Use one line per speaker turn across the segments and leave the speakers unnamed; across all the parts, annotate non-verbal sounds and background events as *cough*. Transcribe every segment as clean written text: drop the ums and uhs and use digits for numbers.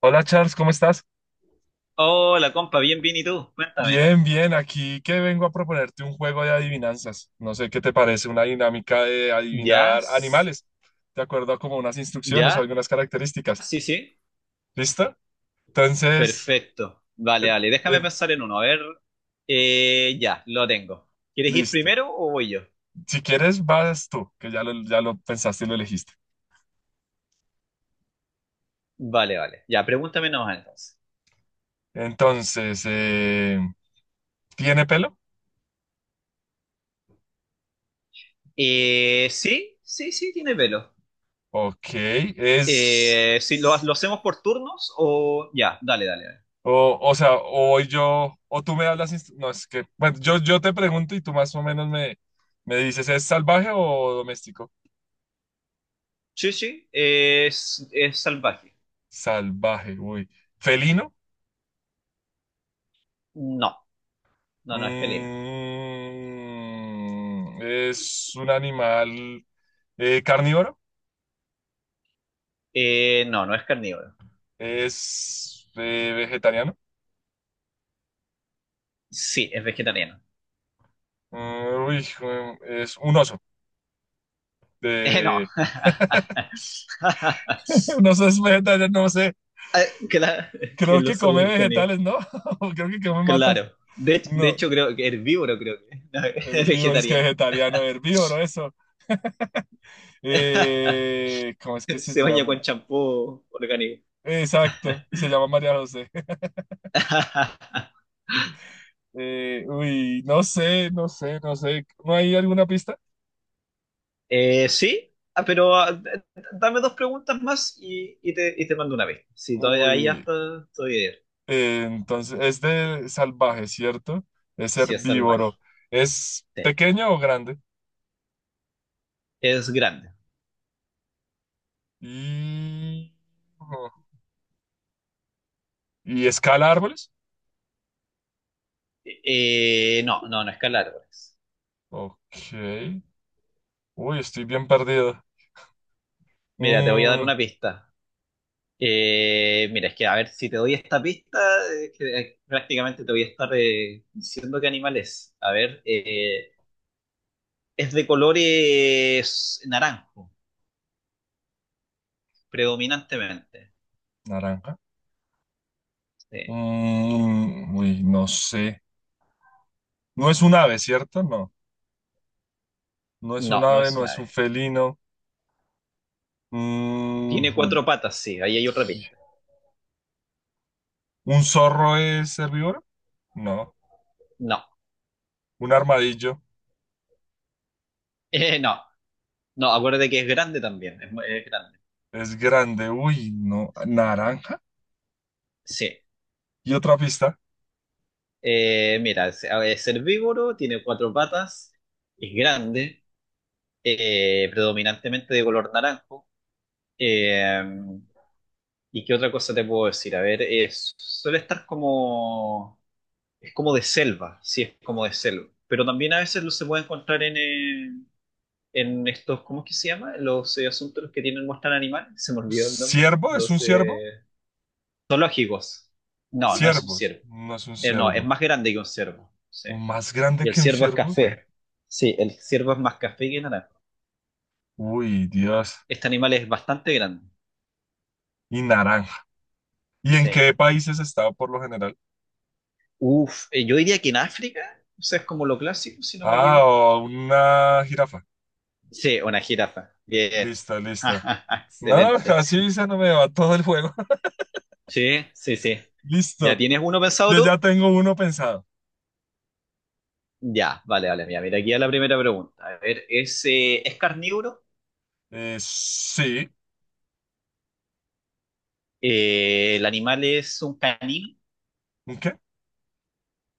Hola Charles, ¿cómo estás?
Hola, compa, bien, bien, ¿y tú? Cuéntame.
Bien, bien, aquí que vengo a proponerte un juego de adivinanzas. No sé qué te parece, una dinámica de
¿Ya?
adivinar animales, de acuerdo a como unas instrucciones o
¿Ya?
algunas características.
Sí, sí.
¿Listo? Entonces,
Perfecto. Vale,
em-
vale, déjame
em,
pensar en uno. A ver. Ya, lo tengo. ¿Quieres ir
listo.
primero o voy yo?
Si quieres, vas tú, que ya lo pensaste y lo elegiste.
Vale, vale. Ya, pregúntame nomás entonces.
Entonces, ¿tiene pelo?
Sí, sí, sí, tiene pelo.
Ok, es...
Si ¿lo hacemos por turnos o...? Ya, dale, dale, dale.
O, o sea, o hoy yo, o tú me hablas, no, es que, bueno, yo te pregunto y tú más o menos me, me dices, ¿es salvaje o doméstico?
Sí, sí, es salvaje.
Salvaje, uy. ¿Felino?
No, no, no es felino.
Mm, ¿es un animal carnívoro?
No, no es carnívoro.
¿Es vegetariano?
Sí, es vegetariano.
Mm, uy, es un oso.
No.
De...
*laughs*
*laughs* Un oso es vegetariano, no sé.
Ah, claro, *laughs* que
Creo
lo
que come
soy carnívoro.
vegetales, ¿no? *laughs* Creo que come matas.
Claro. De hecho,
No.
creo que herbívoro, creo que. *laughs* No, es
Herbívoro, es que
vegetariano.
vegetariano, herbívoro, eso.
*laughs*
¿Cómo es que se
Se baña con
llama?
champú orgánico.
Exacto, y se llama María José. *laughs*
*laughs*
Uy, no sé, no sé, no sé. ¿No hay alguna pista?
Sí, ah, pero ah, dame dos preguntas más y te mando una vez. Si todavía ahí
Uy,
hasta estoy bien.
entonces es de salvaje, ¿cierto? Es
Si es salvaje.
herbívoro. ¿Es
Sí.
pequeño o grande?
Es grande.
Y, ¿Y escala árboles?
No, no, no es calar. Pues.
Ok. Uy, estoy bien perdido.
Mira, te voy a dar
Mm,
una pista. Mira, es que a ver, si te doy esta pista, prácticamente te voy a estar diciendo qué animal es. A ver, es de colores naranjo, predominantemente.
naranja.
Sí.
Mm, uy, no sé. No es un ave, ¿cierto? No. No es un
No, no
ave,
es
no
una
es un
ave.
felino. Mm,
Tiene cuatro patas, sí, ahí hay otra pista.
¿un zorro es herbívoro? No.
No,
¿Un armadillo
*laughs* No, no, acuérdate que es grande también, es, es grande.
es grande? Uy, no. ¿Naranja?
Sí,
Y otra pista.
eh, mira, es, a ver, es herbívoro, tiene cuatro patas, es grande, predominantemente de color naranjo. Eh, ¿Y qué otra cosa te puedo decir? A ver, es, suele estar como, es como de selva, sí, es como de selva. Pero también a veces lo se puede encontrar en estos, ¿cómo es que se llama? Los asuntos que tienen, muestran animales, se me olvidó el nombre.
¿Ciervo? ¿Es un
Los
ciervo?
zoológicos. No, no es un
Ciervos.
ciervo.
No es un
No, es
ciervo.
más grande que un ciervo, sí.
¿Un ¿Más grande
Y el
que un
ciervo es
ciervo?
café. Sí, el ciervo es más café que naranja.
Uy, Dios.
Este animal es bastante grande,
Y naranja. ¿Y en
sí.
qué países está por lo general?
Uf, yo diría que en África, o sea, es como lo clásico, si no me
Ah,
equivoco.
o una jirafa.
Sí, una jirafa. Bien.
Lista, lista.
*laughs*
No,
Excelente.
así se no me va todo el juego. *laughs*
Sí, sí, sí. ¿Ya
Listo.
tienes uno pensado
Yo
tú?
ya tengo uno pensado.
Ya, vale, vale. Mira, mira, aquí a la primera pregunta. A ver, ¿es carnívoro?
Sí.
¿El animal es un canino?
¿Un ¿Qué?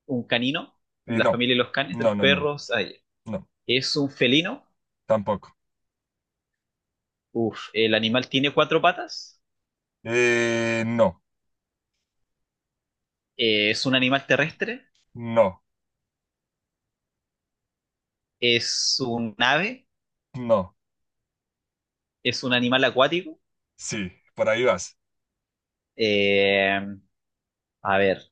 ¿Un canino? La
No.
familia de los canes, de
No,
los
no, no.
perros. Ah, ya.
No.
¿Es un felino?
Tampoco.
Uf, ¿el animal tiene cuatro patas?
No.
¿Es un animal terrestre?
No.
¿Es un ave?
No.
¿Es un animal acuático?
Sí. Por ahí vas.
Eh, a ver,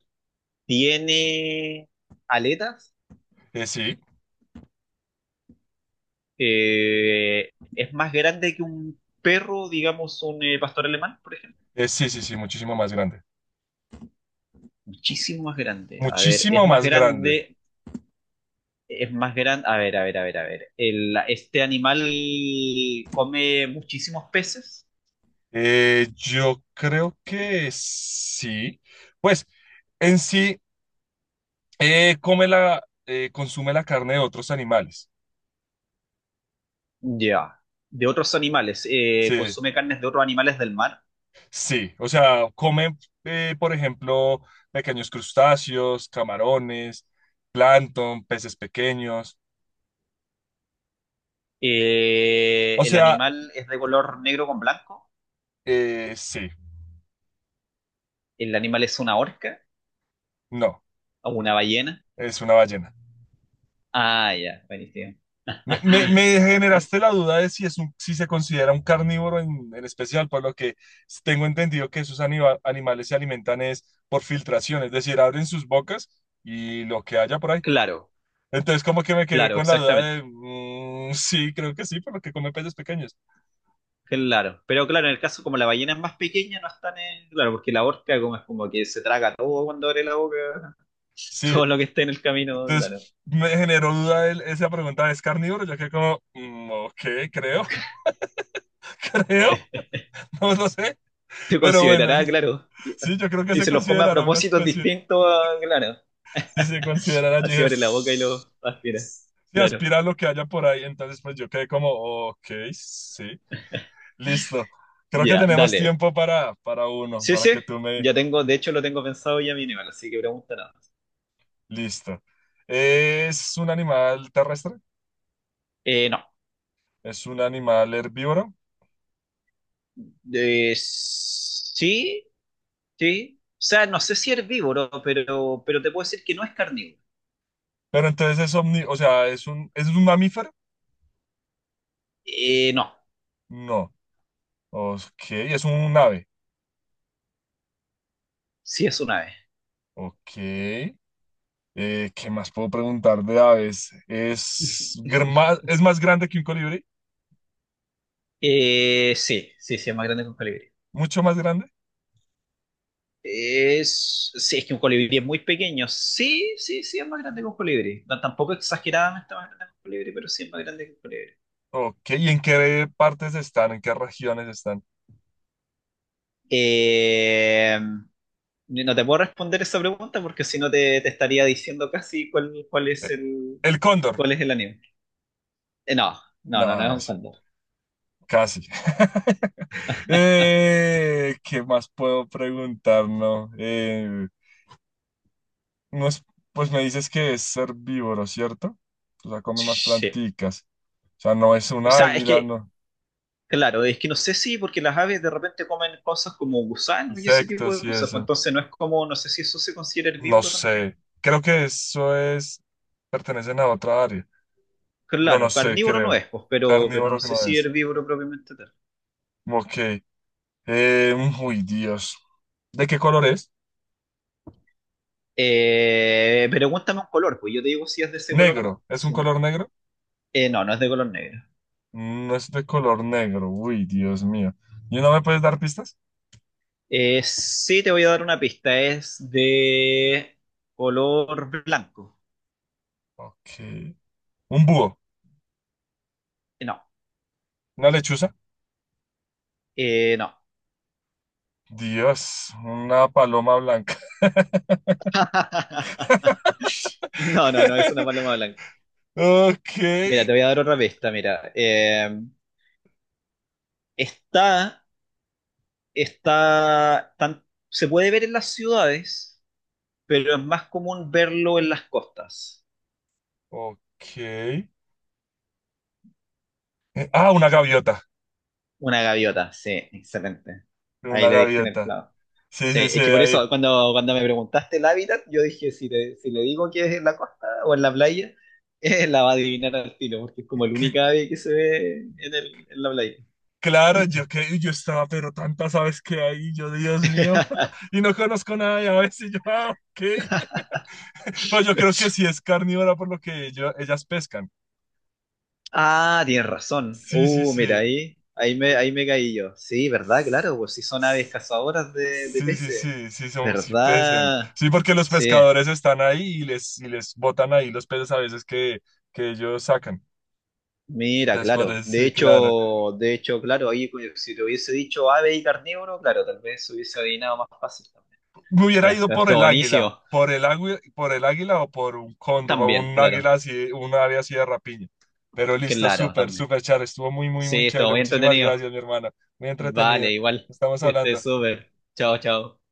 ¿tiene aletas?
Sí.
Es más grande que un perro, digamos, un pastor alemán, por ejemplo.
Sí, sí, sí. Muchísimo más grande.
Muchísimo más grande. A ver, es
Muchísimo
más
más grande.
grande, es más grande. A ver, a ver, a ver, a ver. Este animal come muchísimos peces.
Yo creo que sí. Pues en sí, come la, consume la carne de otros animales.
Ya. De otros animales. Eh,
Sí.
consume carnes de otros animales del mar.
Sí, o sea, comen, por ejemplo, pequeños crustáceos, camarones, plancton, peces pequeños. O
El
sea,
animal es de color negro con blanco.
sí,
El animal es una orca
no,
o una ballena.
es una ballena.
Ah, ya, buenísimo.
Me,
*laughs*
me generaste la duda de si, si se considera un carnívoro en especial, por lo que tengo entendido que esos animales se alimentan es por filtración, es decir, abren sus bocas y lo que haya por ahí.
Claro,
Entonces, como que me quedé
claro,
con la duda
exactamente.
de, mm, sí, creo que sí, por lo que come peces pequeños.
Claro, pero claro, en el caso como la ballena es más pequeña, no están en... Claro, porque la orca como es como que se traga todo cuando abre la boca, *laughs*
Sí.
todo lo que esté en el camino, claro.
Entonces me generó duda esa pregunta, ¿es carnívoro? Yo quedé como, mm, ok, creo, *laughs* creo,
*laughs*
no lo sé,
Se
pero bueno,
considerará, claro, y-
sí, yo creo que
si
se
se los come a
considerará una
propósitos
especie,
distintos, a- claro.
si se considerará, allí
Así
dije,
abre la boca y lo
"Ss-
aspira.
ss", si
Claro,
aspira a lo que haya por ahí, entonces pues yo quedé como, ok, sí, listo, creo que
ya,
tenemos
dale.
tiempo para uno,
Sí,
para
sí,
que tú me,
ya tengo, de hecho lo tengo pensado ya mi así que pregunta nada más.
listo. ¿Es un animal terrestre?
No.
¿Es un animal herbívoro?
Sí, sí. O sea, no sé si herbívoro, pero te puedo decir que no es carnívoro.
Pero entonces es omni, o sea, es un mamífero?
No.
No. Ok, es un ave.
Sí, es una ave.
Ok. ¿Qué más puedo preguntar de aves? ¿Es,
*laughs*
es más grande que un colibrí?
Sí, sí, sí, es más grande que un colibrí.
¿Mucho más grande?
Es, sí, es que un colibrí es muy pequeño. Sí, sí, sí, es más grande que un colibrí. No, tampoco exageradamente más grande que un colibrí, pero sí es más grande que un colibrí.
Ok, ¿y en qué partes están? ¿En qué regiones están?
Eh, no te puedo responder esa pregunta porque si no te, te estaría diciendo casi cuál es
Eh,
el,
¿El cóndor?
cuál es el animal. No, no,
No,
no, no es un
sí,
cóndor.
casi. *laughs* ¿Qué más puedo preguntar? No, no es- pues me dices que es herbívoro, ¿cierto? O sea, come más
Sí.
planticas. O sea, no es un
O sea, es
águila,
que
no.
claro, es que no sé si, porque las aves de repente comen cosas como gusanos y ese tipo
Insectos
de
y
cosas, pues
eso.
entonces no es como, no sé si eso se considera
No
herbívoro también.
sé, creo que eso es, pertenecen a otra área, pero no
Claro,
sé,
carnívoro no
creo.
es, pues, pero no
Carnívoro que
sé
no
si
es.
herbívoro propiamente tal.
Ok. Eh, uy, Dios. ¿De qué color es?
Pregúntame un color, pues yo te digo si es de ese color o no.
Negro. ¿Es un
Sí.
color negro?
No, no es de color negro.
Mm, no es de color negro. Uy, Dios mío. ¿Y no me puedes dar pistas?
Sí, te voy a dar una pista, es de color blanco.
Ok. Un búho.
No,
Una lechuza.
no.
Dios, una paloma blanca.
*laughs* No, no, no, es una
*laughs*
paloma blanca.
Ok,
Mira, te voy a dar otra pista, mira. Está, está, tan- se puede ver en las ciudades, pero es más común verlo en las costas.
ok. Ah, una gaviota.
Una gaviota, sí, excelente. Ahí
Una
le diste en el
gaviota.
clavo.
Sí,
Sí,
sí, sí,
es que por
ahí.
eso cuando me preguntaste el hábitat, yo dije, si, te- si le digo que es en la costa o en la playa, *laughs* la va a adivinar al tiro, porque es como el único ave que se ve en, en la playa.
Claro, yo que yo estaba, pero tantas aves que hay, yo, Dios mío, *laughs* y no conozco nada de aves, y yo, ah, ok.
*laughs*
*laughs* Pero yo creo que sí es carnívora por lo que ellas pescan.
Ah, tienes razón.
Sí, sí, sí.
Mira, ahí,
eh,
ahí me caí yo. Sí, ¿verdad? Claro, pues si son aves cazadoras de
Sí, sí,
peces.
sí, sí, son, sí pesen.
¿Verdad?
Sí, porque los
Sí,
pescadores están ahí y les botan ahí los peces a veces que ellos sacan.
mira,
Después,
claro.
sí, claro.
De hecho, claro, ahí si te hubiese dicho ave y carnívoro, claro, tal vez hubiese adivinado más fácil también.
Me hubiera
Ya,
ido
pero
por
estuvo
el águila,
buenísimo.
por el águila, por el águila o por un cóndor o
También,
un
claro.
águila así, un ave así de rapiña. Pero listo,
Claro,
súper,
también.
súper, Char. Estuvo muy, muy, muy
Sí, estuvo
chévere.
muy
Muchísimas
entretenido.
gracias, mi hermana. Muy
Vale,
entretenida.
igual.
Estamos
Que estés
hablando.
súper. Chao, chao.